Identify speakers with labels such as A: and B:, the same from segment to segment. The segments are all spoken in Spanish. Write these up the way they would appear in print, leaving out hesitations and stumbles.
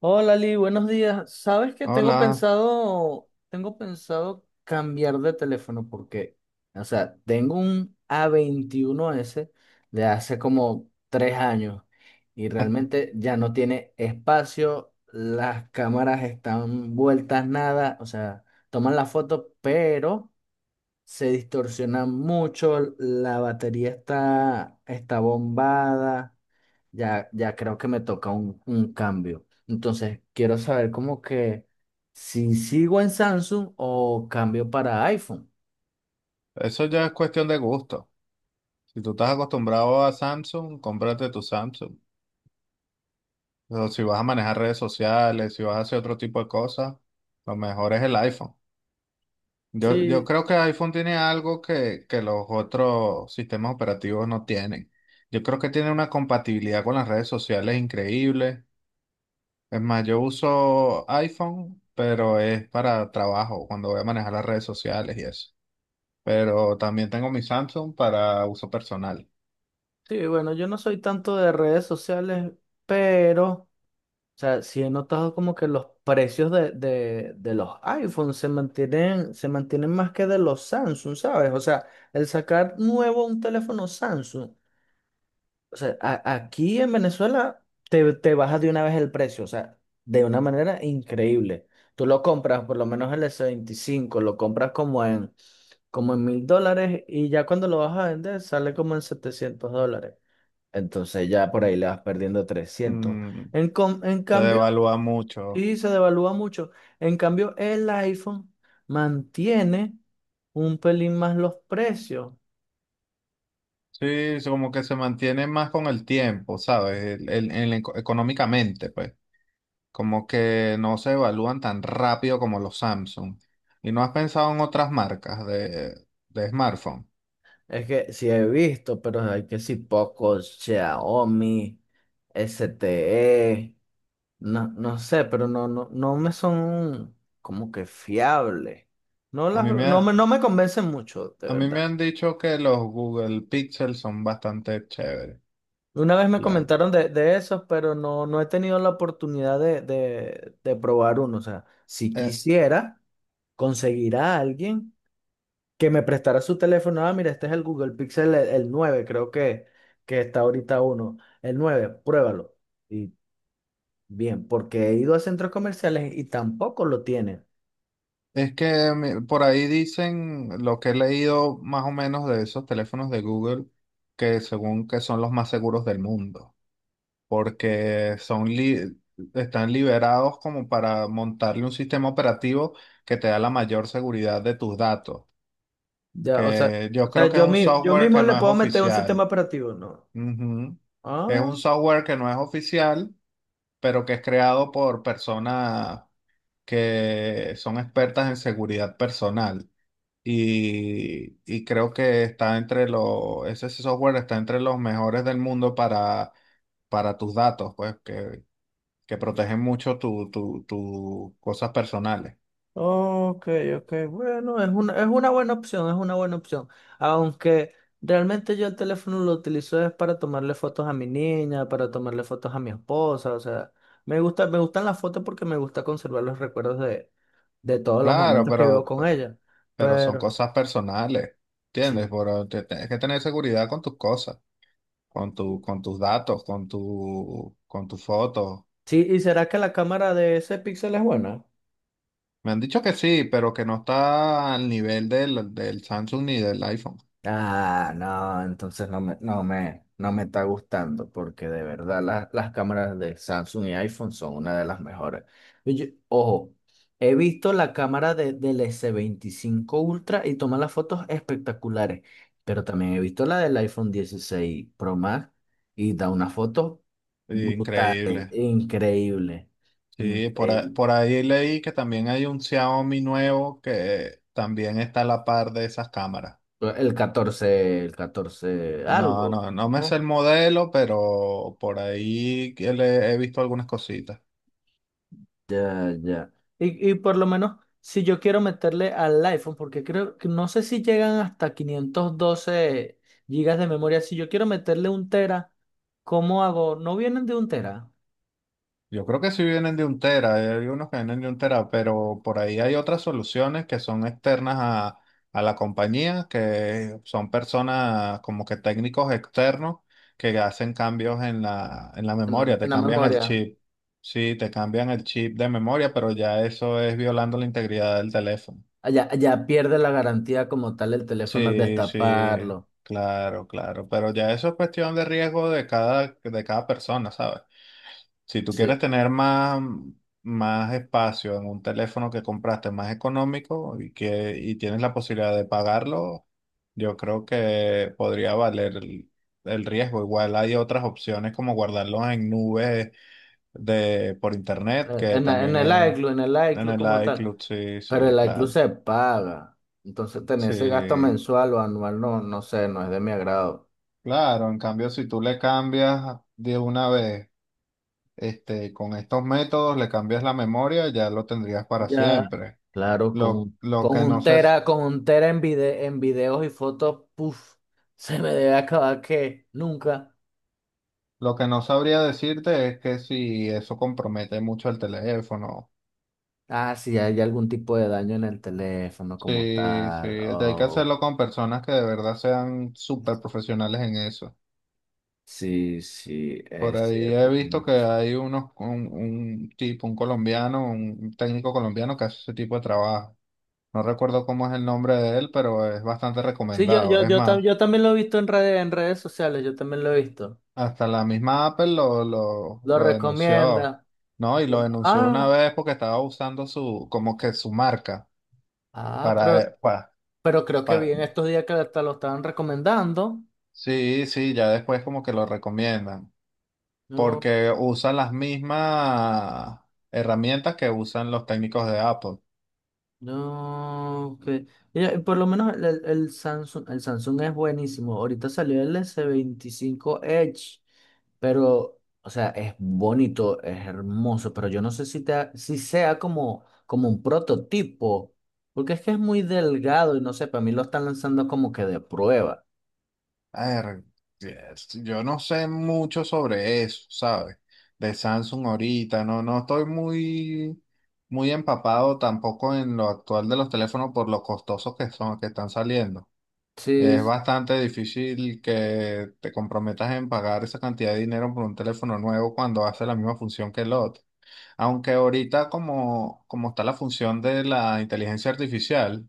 A: Hola Lee, buenos días. Sabes que tengo
B: Hola,
A: pensado, tengo pensado cambiar de teléfono porque, o sea, tengo un A21s de hace como 3 años y realmente ya no tiene espacio, las cámaras están vueltas nada, o sea, toman la foto, pero se distorsiona mucho, la batería está bombada. Ya, ya creo que me toca un cambio. Entonces, quiero saber como que si sigo en Samsung o cambio para iPhone.
B: eso ya es cuestión de gusto. Si tú estás acostumbrado a Samsung, cómprate tu Samsung. Pero si vas a manejar redes sociales, si vas a hacer otro tipo de cosas, lo mejor es el iPhone. Yo
A: Sí,
B: creo que iPhone tiene algo que los otros sistemas operativos no tienen. Yo creo que tiene una compatibilidad con las redes sociales increíble. Es más, yo uso iPhone, pero es para trabajo, cuando voy a manejar las redes sociales y eso. Pero también tengo mi Samsung para uso personal.
A: sí, bueno, yo no soy tanto de redes sociales, pero, o sea, sí he notado como que los precios de los iPhones se mantienen más que de los Samsung, ¿sabes? O sea, el sacar nuevo un teléfono Samsung. O sea, aquí en Venezuela te baja de una vez el precio, o sea, de una manera increíble. Tú lo compras, por lo menos el S25, lo compras como en $1,000 y ya cuando lo vas a vender sale como en $700. Entonces ya por ahí le vas perdiendo 300.
B: Mm,
A: En
B: se
A: cambio,
B: devalúa mucho.
A: sí, se devalúa mucho. En cambio, el iPhone mantiene un pelín más los precios.
B: Sí, es como que se mantiene más con el tiempo, ¿sabes? Económicamente, pues. Como que no se evalúan tan rápido como los Samsung. ¿Y no has pensado en otras marcas de smartphone?
A: Es que sí he visto, pero hay que si pocos, Xiaomi, S T E no, no, sé, pero no me son como que fiables. No
B: A
A: las,
B: mí me
A: no
B: ha-
A: me, no me convencen mucho, de
B: a mí me
A: verdad.
B: han dicho que los Google Pixel son bastante chéveres.
A: Una vez me
B: La-
A: comentaron de esos, pero no he tenido la oportunidad de probar uno. O sea, si
B: eh,
A: quisiera conseguir a alguien que me prestara su teléfono. Ah, mira, este es el Google Pixel, el 9, creo que está ahorita uno. El 9. Pruébalo. Y bien, porque he ido a centros comerciales y tampoco lo tienen.
B: por ahí dicen lo que he leído más o menos de esos teléfonos de Google, que según que son los más seguros del mundo, porque están liberados como para montarle un sistema operativo que te da la mayor seguridad de tus datos,
A: Ya, o sea,
B: que
A: o
B: yo creo
A: sea,
B: que es
A: yo,
B: un
A: mi- yo
B: software
A: mismo
B: que
A: le
B: no es
A: puedo meter un sistema
B: oficial.
A: operativo, ¿no?
B: Ujú. Es un
A: Ah.
B: software que no es oficial, pero que es creado por personas que son expertas en seguridad personal. Y creo que está entre ese software está entre los mejores del mundo para tus datos, pues que protegen mucho tu cosas personales.
A: Ok, ok, bueno, es una buena opción, es una buena opción. Aunque realmente yo el teléfono lo utilizo es para tomarle fotos a mi niña, para tomarle fotos a mi esposa, o sea, me gustan las fotos porque me gusta conservar los recuerdos de todos los
B: Claro,
A: momentos que vivo
B: pero,
A: con ella.
B: pero son
A: Pero,
B: cosas personales, ¿entiendes?
A: sí.
B: Pero tienes que tener seguridad con tus cosas, con tus datos, con tus fotos.
A: Sí, ¿y será que la cámara de ese Pixel es buena?
B: Me han dicho que sí, pero que no está al nivel del Samsung ni del iPhone.
A: Ah, no, entonces no me está gustando porque de verdad las cámaras de Samsung y iPhone son una de las mejores. Y ojo, he visto la cámara del S25 Ultra y toma las fotos espectaculares, pero también he visto la del iPhone 16 Pro Max y da unas fotos
B: Sí,
A: brutales,
B: increíble.
A: increíbles,
B: Sí,
A: increíbles.
B: por ahí leí que también hay un Xiaomi nuevo que también está a la par de esas cámaras.
A: El 14,
B: No, no,
A: algo,
B: no me sé el
A: ¿no?
B: modelo, pero por ahí que le he visto algunas cositas.
A: Ya, ya. Y por lo menos, si yo quiero meterle al iPhone, porque creo que no sé si llegan hasta 512 gigas de memoria, si yo quiero meterle un tera, ¿cómo hago? ¿No vienen de un tera
B: Yo creo que sí vienen de un tera, hay unos que vienen de un tera, pero por ahí hay otras soluciones que son externas a la compañía, que son personas como que técnicos externos que hacen cambios en la
A: en la,
B: memoria, te
A: en la
B: cambian el
A: memoria?
B: chip. Sí, te cambian el chip de memoria, pero ya eso es violando la integridad del teléfono.
A: Allá, allá pierde la garantía como tal el teléfono al
B: Sí, sí,
A: destaparlo.
B: claro, claro, pero ya eso es cuestión de riesgo de cada persona, ¿sabes? Si tú
A: Sí.
B: quieres tener más espacio en un teléfono que compraste más económico y que y tienes la posibilidad de pagarlo, yo creo que podría valer el riesgo. Igual hay otras opciones como guardarlos en nubes de por internet, que
A: En, la-
B: también
A: en el
B: es
A: iCloud, en el
B: en
A: iCloud
B: el
A: como tal.
B: iCloud, sí,
A: Pero
B: sí,
A: el iCloud
B: claro.
A: se paga. Entonces, tener
B: Sí.
A: ese gasto mensual o anual, no, sé, no es de mi agrado.
B: Claro, en cambio, si tú le cambias de una vez, este, con estos métodos le cambias la memoria, ya lo tendrías para
A: Ya,
B: siempre.
A: claro, con,
B: Lo
A: con
B: que no
A: un
B: sé, s-
A: tera, con un tera en videos y fotos, puff se me debe acabar que nunca.
B: lo que no sabría decirte es que si eso compromete mucho el teléfono.
A: Ah, si hay algún tipo de daño en el teléfono como
B: Sí, sí,
A: tal.
B: hay que
A: Oh,
B: hacerlo con personas que de verdad sean súper profesionales en eso.
A: sí, sí,
B: Por
A: es
B: ahí he
A: cierto,
B: visto
A: tienes
B: que
A: razón.
B: hay un tipo, un técnico colombiano que hace ese tipo de trabajo. No recuerdo cómo es el nombre de él, pero es bastante
A: Sí, yo,
B: recomendado.
A: yo,
B: Es
A: yo, tam-
B: más,
A: yo también lo he visto en redes sociales, yo también lo he visto.
B: hasta la misma Apple lo, lo,
A: Lo
B: lo denunció,
A: recomienda.
B: ¿no? Y lo
A: Lo-
B: denunció una
A: ah,
B: vez porque estaba usando como que su marca
A: ah, pero,
B: para,
A: pero creo que vi
B: para.
A: en estos días que hasta lo estaban recomendando.
B: Sí, sí, ya después como que lo recomiendan,
A: No.
B: porque usan las mismas herramientas que usan los técnicos de Apple.
A: No, que mira, por lo menos el Samsung es buenísimo. Ahorita salió el S25 Edge, pero, o sea, es bonito, es hermoso, pero yo no sé si sea como un prototipo, porque es que es muy delgado y no sé, para mí lo están lanzando como que de prueba.
B: A ver, yes, yo no sé mucho sobre eso, ¿sabes? De Samsung ahorita, no estoy muy, muy empapado tampoco en lo actual de los teléfonos por lo costosos que son, que están saliendo.
A: Sí,
B: Es
A: sí.
B: bastante difícil que te comprometas en pagar esa cantidad de dinero por un teléfono nuevo cuando hace la misma función que el otro. Aunque ahorita como está la función de la inteligencia artificial,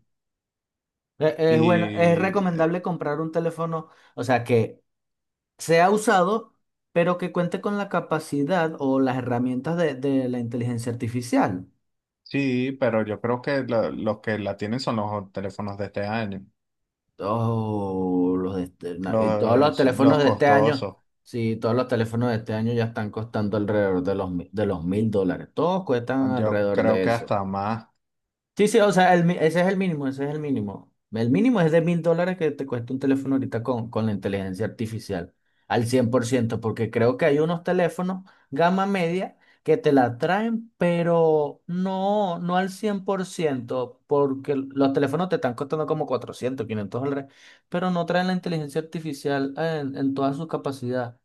A: Es, bueno, es
B: y
A: recomendable comprar un teléfono, o sea, que sea usado, pero que cuente con la capacidad o las herramientas de la inteligencia artificial.
B: Sí, pero yo creo que lo los que la tienen son los teléfonos de este año,
A: Todos los de este- na- y todos los
B: los
A: teléfonos de este año,
B: costosos,
A: sí, todos los teléfonos de este año ya están costando alrededor de los $1,000. Todos cuestan
B: yo
A: alrededor
B: creo
A: de
B: que
A: eso.
B: hasta más.
A: Sí, sí, o sea, ese es el mínimo, ese es el mínimo. El mínimo es de $1,000 que te cuesta un teléfono ahorita con la inteligencia artificial, al 100% porque creo que hay unos teléfonos gama media que te la traen, pero no al 100% porque los teléfonos te están costando como 400, $500, pero no traen la inteligencia artificial en toda su capacidad.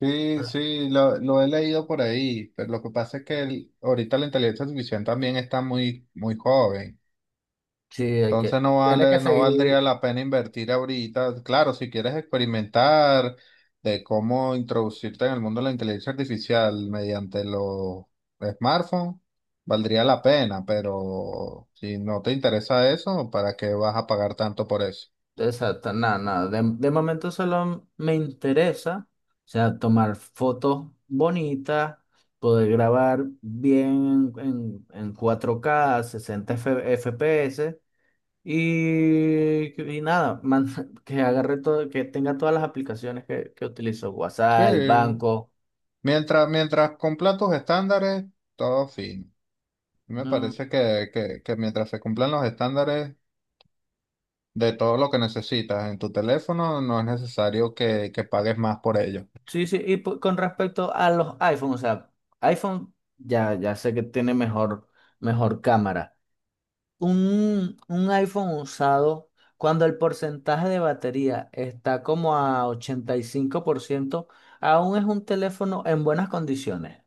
B: Sí, sí, lo he leído por ahí, pero lo que pasa es que ahorita la inteligencia artificial también está muy, muy joven.
A: Sí,
B: Entonces
A: tiene que
B: no
A: seguir.
B: valdría la pena invertir ahorita. Claro, si quieres experimentar de cómo introducirte en el mundo de la inteligencia artificial mediante los smartphones, valdría la pena, pero si no te interesa eso, ¿para qué vas a pagar tanto por eso?
A: Exacto, nada, nada. De momento solo me interesa, o sea, tomar fotos bonitas, poder grabar bien en 4K 60 FPS y nada, que agarre todo, que tenga todas las aplicaciones que utilizo, WhatsApp, el
B: Sí,
A: banco.
B: mientras cumpla tus estándares, todo fino. Me
A: No.
B: parece que, mientras se cumplan los estándares de todo lo que necesitas en tu teléfono, no es necesario que pagues más por ello.
A: Sí, sí, y con respecto a los iPhone, o sea, iPhone ya, ya sé que tiene mejor, mejor cámara. Un iPhone usado, cuando el porcentaje de batería está como a 85% aún es un teléfono en buenas condiciones.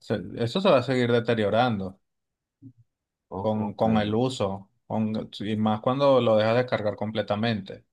B: Eso se va a seguir deteriorando
A: O-
B: con,
A: ok.
B: con el uso, y más cuando lo dejas descargar completamente.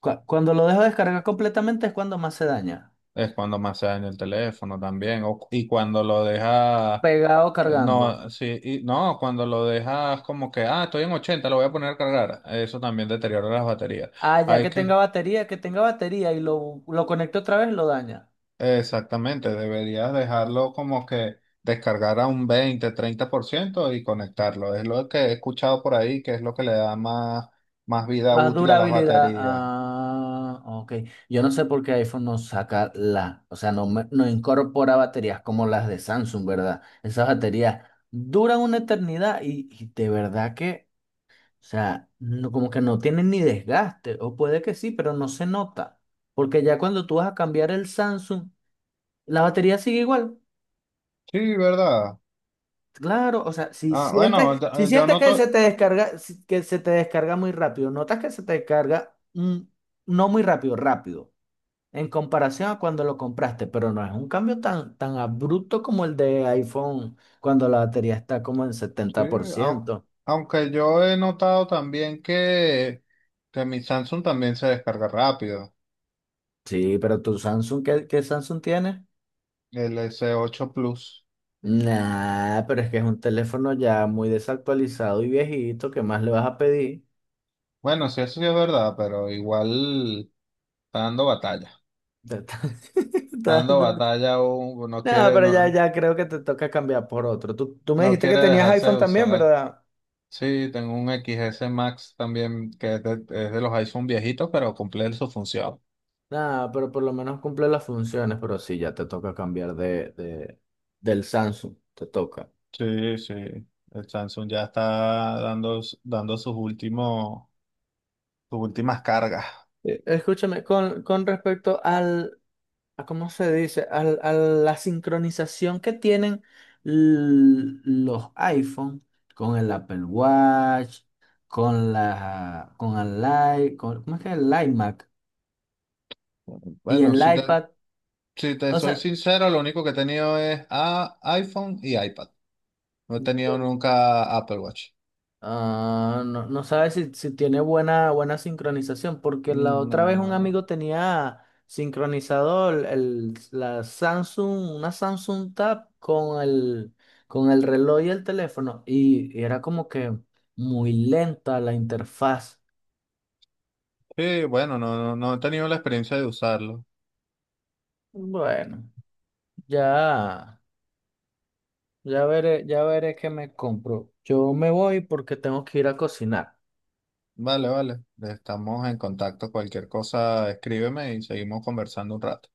A: Cuando lo dejo descargar completamente es cuando más se daña.
B: Es cuando más se daña el teléfono también. O, y cuando lo dejas,
A: Pegado cargando.
B: no, sí, y, no, cuando lo dejas como que, estoy en 80 lo voy a poner a cargar. Eso también deteriora las baterías.
A: Ah, ya
B: Hay que,
A: que tenga batería y lo conecto otra vez, lo daña.
B: exactamente, deberías dejarlo como que descargar a un 20-30% y conectarlo. Es lo que he escuchado por ahí, que es lo que le da más vida
A: Más
B: útil a las
A: durabilidad.
B: baterías.
A: Ah, ok. Yo no sé por qué iPhone no saca la, o sea, no incorpora baterías como las de Samsung, ¿verdad? Esas baterías duran una eternidad y de verdad que, o sea, como que no tienen ni desgaste, o puede que sí, pero no se nota. Porque ya cuando tú vas a cambiar el Samsung, la batería sigue igual.
B: Sí, ¿verdad?
A: Claro, o sea, si
B: Ah, bueno,
A: sientes, si
B: yo
A: sientes que se
B: noto,
A: te descarga, que se te descarga muy rápido, notas que se te descarga no muy rápido, rápido. En comparación a cuando lo compraste, pero no es un cambio tan, tan abrupto como el de iPhone cuando la batería está como en
B: sí,
A: setenta por
B: au-
A: ciento.
B: aunque yo he notado también que mi Samsung también se descarga rápido,
A: Sí, pero tu Samsung, ¿qué Samsung tienes?
B: el S8 Plus.
A: Nah, pero es que es un teléfono ya muy desactualizado y viejito, ¿qué más le vas a pedir?
B: Bueno, sí, eso sí es verdad, pero igual está dando batalla.
A: Te está-
B: Está
A: está
B: dando
A: dando-
B: batalla, no
A: No,
B: quiere,
A: pero
B: no,
A: ya creo que te toca cambiar por otro. Tú me
B: no
A: dijiste que
B: quiere
A: tenías
B: dejarse
A: iPhone
B: de
A: también,
B: usar.
A: ¿verdad?
B: Sí, tengo un XS Max también que es de los iPhone viejitos, pero cumple su función.
A: Nada, pero por lo menos cumple las funciones, pero sí, ya te toca cambiar del Samsung, te toca.
B: Sí, sí. El Samsung ya está dando sus últimas cargas.
A: Escúchame, con respecto a cómo se dice, a la sincronización que tienen los iPhone con el Apple Watch, con la, con el i, con, ¿cómo es que es el iMac y el
B: Bueno, si te,
A: iPad?
B: si te
A: O
B: soy
A: sea,
B: sincero, lo único que he tenido es iPhone y iPad. No he tenido nunca Apple Watch.
A: Ah, no sabes si tiene buena, buena sincronización, porque la otra vez un
B: No.
A: amigo tenía sincronizado una Samsung Tab con el reloj y el teléfono, y era como que muy lenta la interfaz.
B: Sí, bueno, no, no, no he tenido la experiencia de usarlo.
A: Bueno, ya, ya veré, ya veré qué me compro. Yo me voy porque tengo que ir a cocinar.
B: Vale, vale. Estamos en contacto. Cualquier cosa, escríbeme y seguimos conversando un rato.